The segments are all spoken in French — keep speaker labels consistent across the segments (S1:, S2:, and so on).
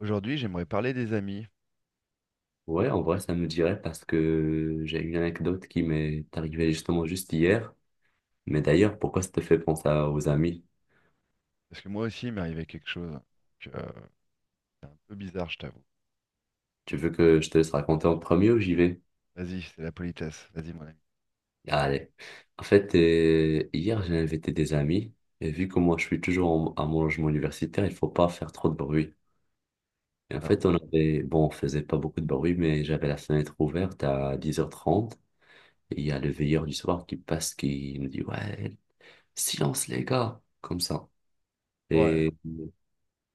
S1: Aujourd'hui, j'aimerais parler des amis,
S2: Ouais, en vrai, ça me dirait parce que j'ai une anecdote qui m'est arrivée justement juste hier. Mais d'ailleurs, pourquoi ça te fait penser aux amis?
S1: parce que moi aussi, il m'est arrivé quelque chose. Donc, c'est un peu bizarre, je t'avoue.
S2: Tu veux que je te laisse raconter en premier ou j'y vais?
S1: Vas-y, c'est la politesse. Vas-y, mon ami.
S2: Allez. En fait, hier, j'ai invité des amis. Et vu que moi, je suis toujours à mon logement universitaire, il faut pas faire trop de bruit. Et en
S1: D'accord?
S2: fait, on avait, bon, on faisait pas beaucoup de bruit, mais j'avais la fenêtre ouverte à 10h30. Et il y a le veilleur du soir qui passe, qui nous dit, ouais, silence les gars, comme ça.
S1: Ouais,
S2: Et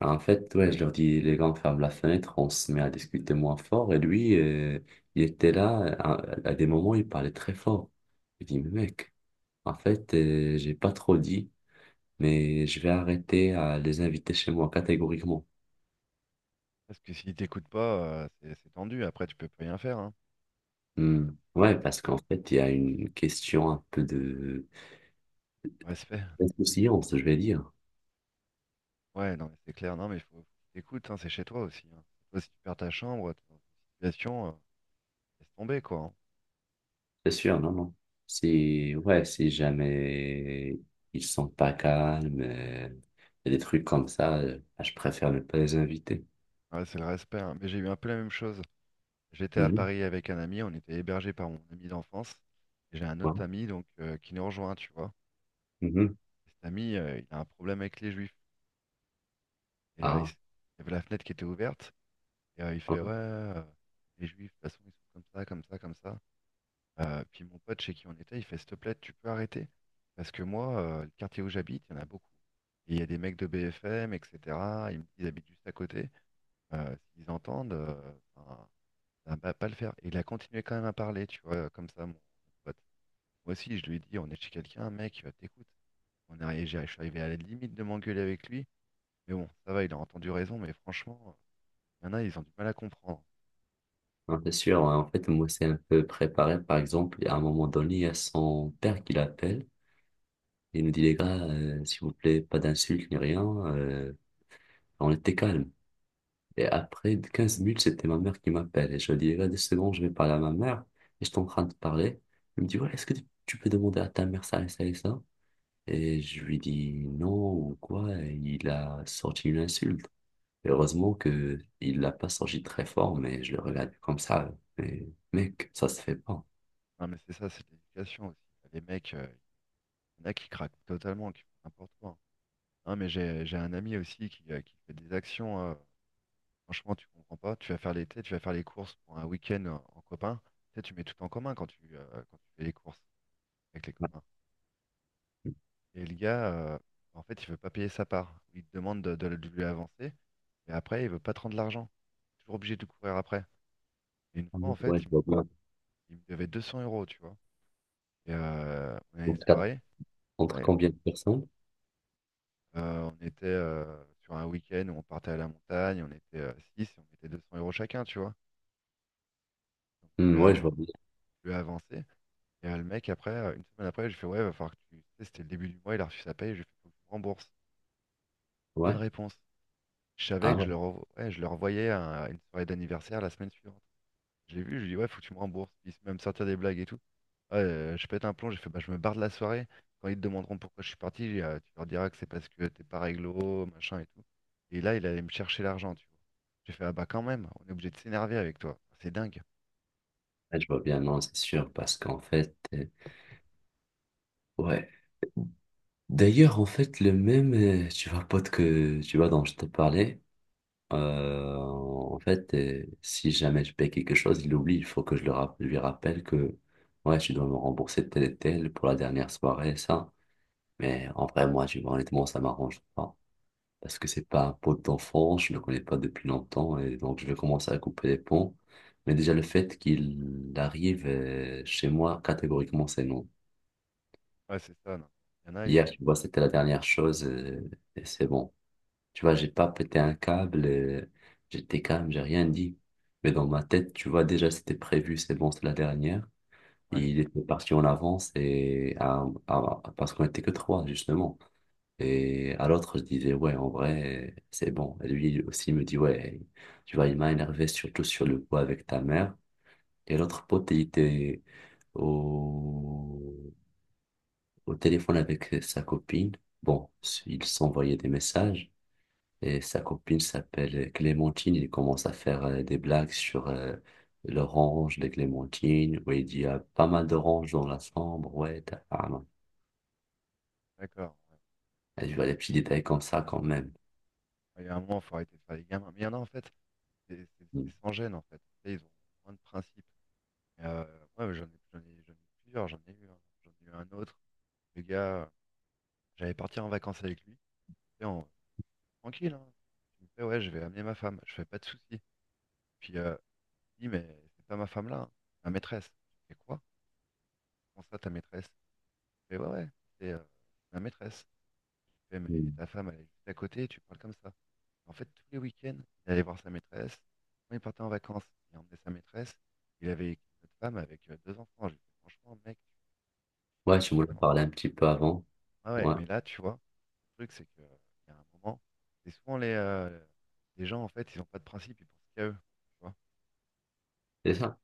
S2: en fait, ouais, je leur dis, les gars, on ferme la fenêtre, on se met à discuter moins fort. Et lui, il était là, à des moments, il parlait très fort. Je dis, mais mec, en fait, j'ai pas trop dit, mais je vais arrêter à les inviter chez moi catégoriquement.
S1: parce que s'il t'écoute pas, c'est tendu. Après, tu peux plus rien faire. Hein.
S2: Hmm. Ouais,
S1: Mais,
S2: parce qu'en fait, il y a une question un peu de
S1: respect.
S2: d'insouciance, je vais dire.
S1: Ouais, non, mais c'est clair. Non, mais il faut qu'il t'écoute, hein. C'est chez toi aussi, hein. Toi, si tu perds ta chambre, t'es dans une situation, laisse tomber, quoi.
S2: C'est sûr, non, non. Si, ouais, si jamais ils sont pas calmes, il y a des trucs comme ça, je préfère ne pas les inviter.
S1: Hein. Ouais, c'est le respect, hein. Mais j'ai eu un peu la même chose. J'étais à
S2: Mhm,
S1: Paris avec un ami. On était hébergé par mon ami d'enfance. Et j'ai un
S2: ouais,
S1: autre ami donc, qui nous rejoint, tu vois.
S2: mhm.
S1: Cet ami, il a un problème avec les juifs. Et
S2: Ah,
S1: il y avait la fenêtre qui était ouverte. Et il fait,
S2: ouais,
S1: ouais, les juifs, de toute façon, ils sont comme ça, comme ça, comme ça. Puis mon pote chez qui on était, il fait, s'il te plaît, tu peux arrêter. Parce que moi, le quartier où j'habite, il y en a beaucoup. Et il y a des mecs de BFM, etc. Disent, ils habitent juste à côté. S'ils entendent, enfin, ça va pas le faire. Et il a continué quand même à parler, tu vois, comme ça, mon pote. Moi aussi, je lui ai dit, on est chez quelqu'un, mec, t'écoutes. On est, arrivé- j'ai- Je suis arrivé à la limite de m'engueuler avec lui. Mais bon, ça va, il a entendu raison, mais franchement, il y en a, ils ont du mal à comprendre.
S2: ouais, c'est sûr. Ouais. En fait, moi, c'est un peu préparé. Par exemple, à un moment donné, il y a son père qui l'appelle. Il nous dit, les gars, s'il vous plaît, pas d'insultes ni rien. On était calme. Et après de 15 minutes, c'était ma mère qui m'appelle. Et je lui dis, les gars, 2 secondes, je vais parler à ma mère. Et j'étais en train de parler. Elle me dit, ouais, est-ce que tu peux demander à ta mère ça et ça et ça? Et je lui dis, non, ou quoi? Et il a sorti une insulte. Heureusement que il l'a pas sorti très fort, mais je le regarde comme ça. Mais mec, ça se fait pas.
S1: Non, mais c'est ça, c'est de l'éducation aussi. Les mecs, il y en a qui craquent totalement, qui font n'importe quoi, hein. Non, mais j'ai un ami aussi qui fait des actions. Franchement, tu comprends pas. Tu vas faire l'été, tu vas faire les courses pour un week-end en copain. Tu sais, tu mets tout en commun quand tu fais les courses avec les
S2: Ouais,
S1: copains. Et le gars, en fait, il veut pas payer sa part. Il te demande de lui avancer, et après, il veut pas te rendre l'argent. Toujours obligé de courir après. Et une
S2: ah
S1: fois, en
S2: non, ouais,
S1: fait,
S2: je vois bien.
S1: il me devait 200 euros, tu vois. Et, on a une
S2: Donc,
S1: soirée.
S2: entre
S1: Ouais,
S2: combien de personnes?
S1: on était sur un week-end où on partait à la montagne, on était six et on mettait 200 euros chacun, tu vois. Donc,
S2: Hmm, ouais, je vois bien.
S1: je lui ai avancé. Et le mec, après, une semaine après, j'ai fait, ouais, va falloir que tu. Tu sais, c'était le début du mois, il a reçu sa paye, j'ai fait, faut que tu me rembourses. Pas de
S2: Ouais.
S1: réponse. Je savais
S2: Ah
S1: que
S2: ouais.
S1: ouais, je le revoyais à une soirée d'anniversaire la semaine suivante. Je l'ai vu, je lui ai dit, ouais, faut que tu me rembourses. Il s'est même sortir des blagues et tout. Ouais, je pète un plomb, j'ai fait, bah, je me barre de la soirée. Quand ils te demanderont pourquoi je suis parti, tu leur diras que c'est parce que t'es pas réglo, machin et tout. Et là, il allait me chercher l'argent, tu vois. J'ai fait, ah bah quand même, on est obligé de s'énerver avec toi. C'est dingue.
S2: Ouais, je vois bien. Non, c'est sûr, parce qu'en fait, ouais. D'ailleurs, en fait, le même, tu vois, pote, que tu vois, dont je te parlais, en fait, si jamais je paye quelque chose, il oublie. Il faut que je lui rappelle que, ouais, tu dois me rembourser tel et tel pour la dernière soirée, ça. Mais en vrai, moi, tu vois, honnêtement, ça m'arrange pas. Parce que c'est pas un pote d'enfance, je le connais pas depuis longtemps, et donc je vais commencer à couper les ponts. Mais déjà, le fait qu'il arrive chez moi, catégoriquement, c'est non.
S1: Ouais, c'est ça, non. Il y en a, ils.
S2: Hier, tu vois, c'était la dernière chose, et c'est bon. Tu vois, j'ai pas pété un câble, j'étais calme, j'ai rien dit. Mais dans ma tête, tu vois, déjà, c'était prévu, c'est bon, c'est la dernière.
S1: Ouais,
S2: Et il était parti en avance, et parce qu'on était que trois, justement. Et à l'autre, je disais, ouais, en vrai, c'est bon. Et lui aussi me dit, ouais, tu vois, il m'a énervé surtout sur le coup avec ta mère. Et l'autre pote, il était au, au téléphone avec sa copine. Bon, ils s'envoyaient des messages. Et sa copine s'appelle Clémentine. Il commence à faire des blagues sur l'orange de Clémentine, où il dit, il y a pas mal d'oranges dans la chambre. Ouais, t'as... Ah, non.
S1: d'accord, ouais.
S2: Et je vois des petits détails comme ça quand même.
S1: Ouais, il y a un moment, faut arrêter de faire les gamins. Mais il y en a, en fait, c'est sans gêne, en fait. Tu sais, ils ont moins de principes. Et, ouais, ouais, j'en ai eu plusieurs, j'en ai eu un. J'en ai eu un autre. Le gars, j'allais partir en vacances avec lui. Et tranquille, hein. Je me fais, ouais, je vais amener ma femme, je fais pas de soucis. Puis il dit, mais c'est pas ma femme là, hein, c'est ma maîtresse. Je fais quoi? Comment ça, ta maîtresse? Je fais, ouais, ouais, c'est ma maîtresse. Je fais, mais
S2: Mm.
S1: ta femme, elle est juste à côté, tu parles comme ça. En fait, tous les week-ends, il allait voir sa maîtresse. Quand il partait en vacances, il emmenait sa maîtresse. Il avait une autre femme avec deux enfants. Je lui fais, franchement, mec, tu
S2: Ouais,
S1: craques
S2: tu m'en as
S1: totalement.
S2: parlé un petit peu avant.
S1: Ah ouais,
S2: Ouais,
S1: mais là, tu vois, le truc, c'est que, il y a un moment, c'est souvent les gens, en fait, ils ont pas de principe, ils pensent qu'à eux, tu vois.
S2: c'est ça.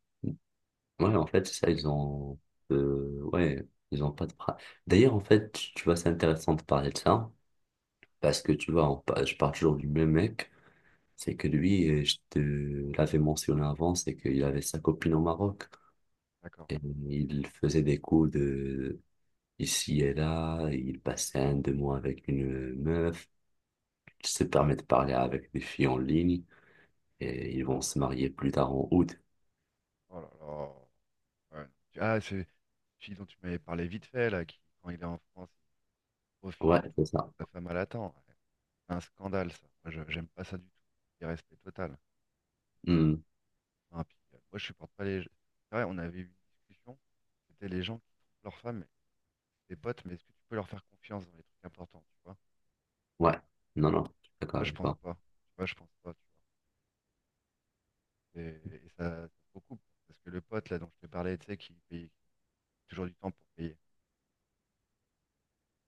S2: Ouais, en fait, c'est ça, ils ont... ouais, ils ont pas de... D'ailleurs, en fait, tu vois, c'est intéressant de parler de ça, parce que tu vois, je parle toujours du même mec, c'est que lui, je te l'avais mentionné avant, c'est qu'il avait sa copine au Maroc,
S1: D'accord.
S2: et il faisait des coups de ici et là, il passait 1, 2 mois avec une meuf, il se permet de parler avec des filles en ligne, et ils vont se marier plus tard en août.
S1: Oh là là. Ouais, non. Ah, c'est une fille dont tu m'avais parlé vite fait, là, qui, quand il est en France, il
S2: Ouais,
S1: profite et tout.
S2: c'est ça.
S1: Sa femme, elle attend. Ouais. C'est un scandale, ça. Moi, j'aime pas ça du tout. Irrespect total.
S2: Hmm,
S1: Enfin, puis, moi, je supporte pas les. C'est vrai, on avait eu une discussion. C'était les gens qui trompent leur femme, des potes, mais est-ce que tu peux leur faire confiance dans les trucs importants, tu vois?
S2: ouais. Non, non, je suis d'accord
S1: Moi, je
S2: avec
S1: pense
S2: toi.
S1: pas. Tu vois, je pense pas, tu vois. Et, ça, ça se recoupe. Parce que le pote, là, dont je te parlais, tu sais, qui paye toujours du temps pour payer.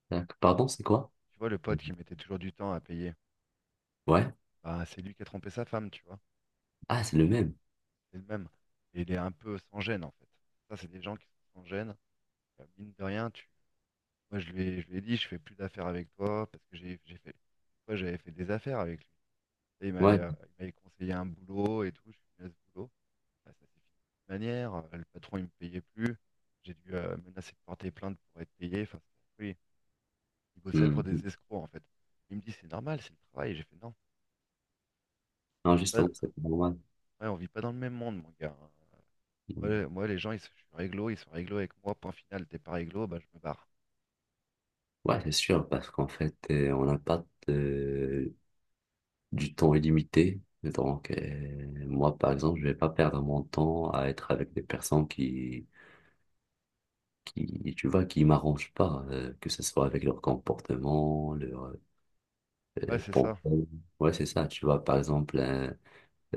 S2: Tac, pardon, c'est quoi?
S1: Tu vois, le
S2: Mmh.
S1: pote qui mettait toujours du temps à payer.
S2: Ouais.
S1: Bah, c'est lui qui a trompé sa femme, tu vois.
S2: Ah, c'est le même.
S1: C'est le même. Et il est un peu sans gêne, en fait. Ça, c'est des gens qui sont sans gêne. Mine de rien, tu... moi, je lui ai dit, je fais plus d'affaires avec toi parce que j'ai fait... moi j'avais fait des affaires avec lui. Et
S2: Ouais.
S1: il m'avait conseillé un boulot et tout. Je lui ai dit, ce boulot. Bah, ça s'est fini de toute manière. Le patron, il me payait plus. J'ai dû menacer de porter plainte pour être payé. Enfin, oui, il bossait pour
S2: Hmm.
S1: des escrocs, en fait. Il me dit, c'est normal, c'est le travail. J'ai fait, non, on
S2: Non,
S1: vit pas,
S2: justement, c'est pas normal.
S1: ouais, on vit pas dans le même monde, mon gars, hein.
S2: Hmm.
S1: Moi, les gens, ils sont je suis réglo, ils sont réglo avec moi, point final, t'es pas réglo, bah, je me barre.
S2: Ouais, c'est sûr, parce qu'en fait, on n'a pas du temps illimité. Donc, moi, par exemple, je vais pas perdre mon temps à être avec des personnes qui, tu vois, qui m'arrangent pas, que ce soit avec leur comportement, leur
S1: Ouais, c'est
S2: pensée.
S1: ça.
S2: Ouais, c'est ça. Tu vois, par exemple,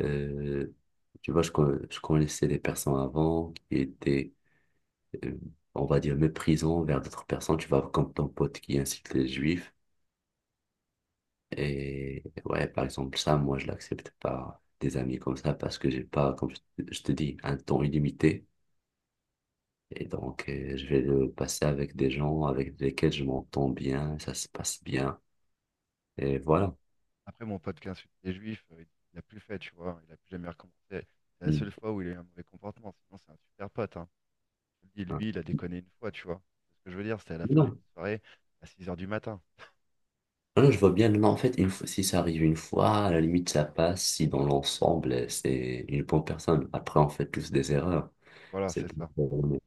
S2: Euh, tu vois, je connaissais des personnes avant qui étaient, euh, on va dire, méprisants vers d'autres personnes. Tu vois, comme ton pote qui incite les juifs. Et ouais, par exemple, ça, moi, je l'accepte pas des amis comme ça parce que j'ai pas, comme je te dis, un temps illimité. Et donc, je vais le passer avec des gens avec lesquels je m'entends bien, ça se passe bien. Et voilà.
S1: Après, mon pote qui insulte les juifs, il a plus fait, tu vois, il a plus jamais recommencé. C'est la
S2: Mm.
S1: seule fois où il a eu un mauvais comportement, sinon c'est un super pote, hein. Je te le dis, lui, il a déconné une fois, tu vois. C'est ce que je veux dire, c'était à la fin d'une
S2: Hein.
S1: soirée, à 6 heures du matin.
S2: Non, non, je vois bien. Non, non, en fait, une fois, si ça arrive une fois, à la limite, ça passe. Si dans l'ensemble, c'est une bonne personne. Après, on fait tous des erreurs.
S1: Voilà,
S2: C'est
S1: c'est
S2: pas
S1: ça.
S2: grave.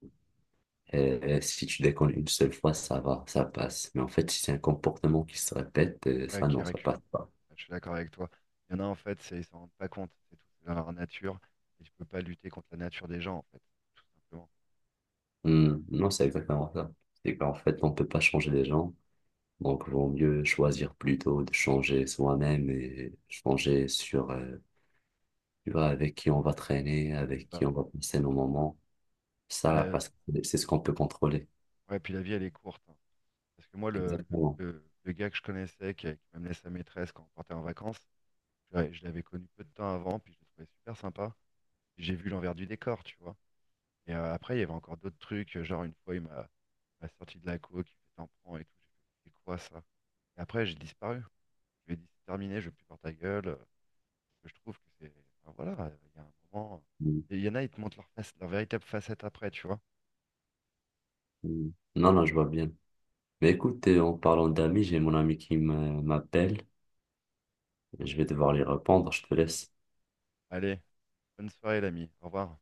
S2: Si tu déconnes une seule fois, ça va, ça passe. Mais en fait, si c'est un comportement qui se répète,
S1: Ouais,
S2: ça,
S1: qui est
S2: non, ça
S1: récurrent.
S2: passe pas.
S1: Ouais, je suis d'accord avec toi. Il y en a, en fait, ils s'en rendent pas compte, c'est tout, c'est dans leur nature, et tu peux pas lutter contre la nature des gens, en fait, tout simplement.
S2: Hmm, non, c'est exactement ça. C'est qu'en fait, on peut pas changer les gens. Donc, vaut mieux choisir plutôt de changer soi-même et changer sur, tu vois, avec qui on va traîner,
S1: C'est
S2: avec
S1: ça.
S2: qui on va passer nos moments.
S1: Et
S2: Ça,
S1: la.
S2: parce que c'est ce qu'on peut contrôler.
S1: Ouais, puis la vie, elle est courte, hein. Parce que moi,
S2: Exactement.
S1: le gars que je connaissais, qui m'a sa maîtresse quand on partait en vacances, je l'avais connu peu de temps avant, puis je le trouvais super sympa. J'ai vu l'envers du décor, tu vois. Et après, il y avait encore d'autres trucs, genre une fois, il m'a m'a sorti de la coke, il fait t'en prends et tout. J'ai fait, c'est quoi ça? Et après, j'ai disparu. Je lui ai dit, c'est terminé, je veux plus voir ta gueule. Parce que je trouve que c'est. Enfin, voilà, il y a un moment.
S2: Mm,
S1: Il y en a, ils te montrent leur face, leur véritable facette après, tu vois.
S2: mm. Non, non, je vois bien. Mais écoute, en parlant d'amis, j'ai mon ami qui m'appelle. Je vais devoir lui répondre. Je te laisse.
S1: Allez, bonne soirée, l'ami. Au revoir.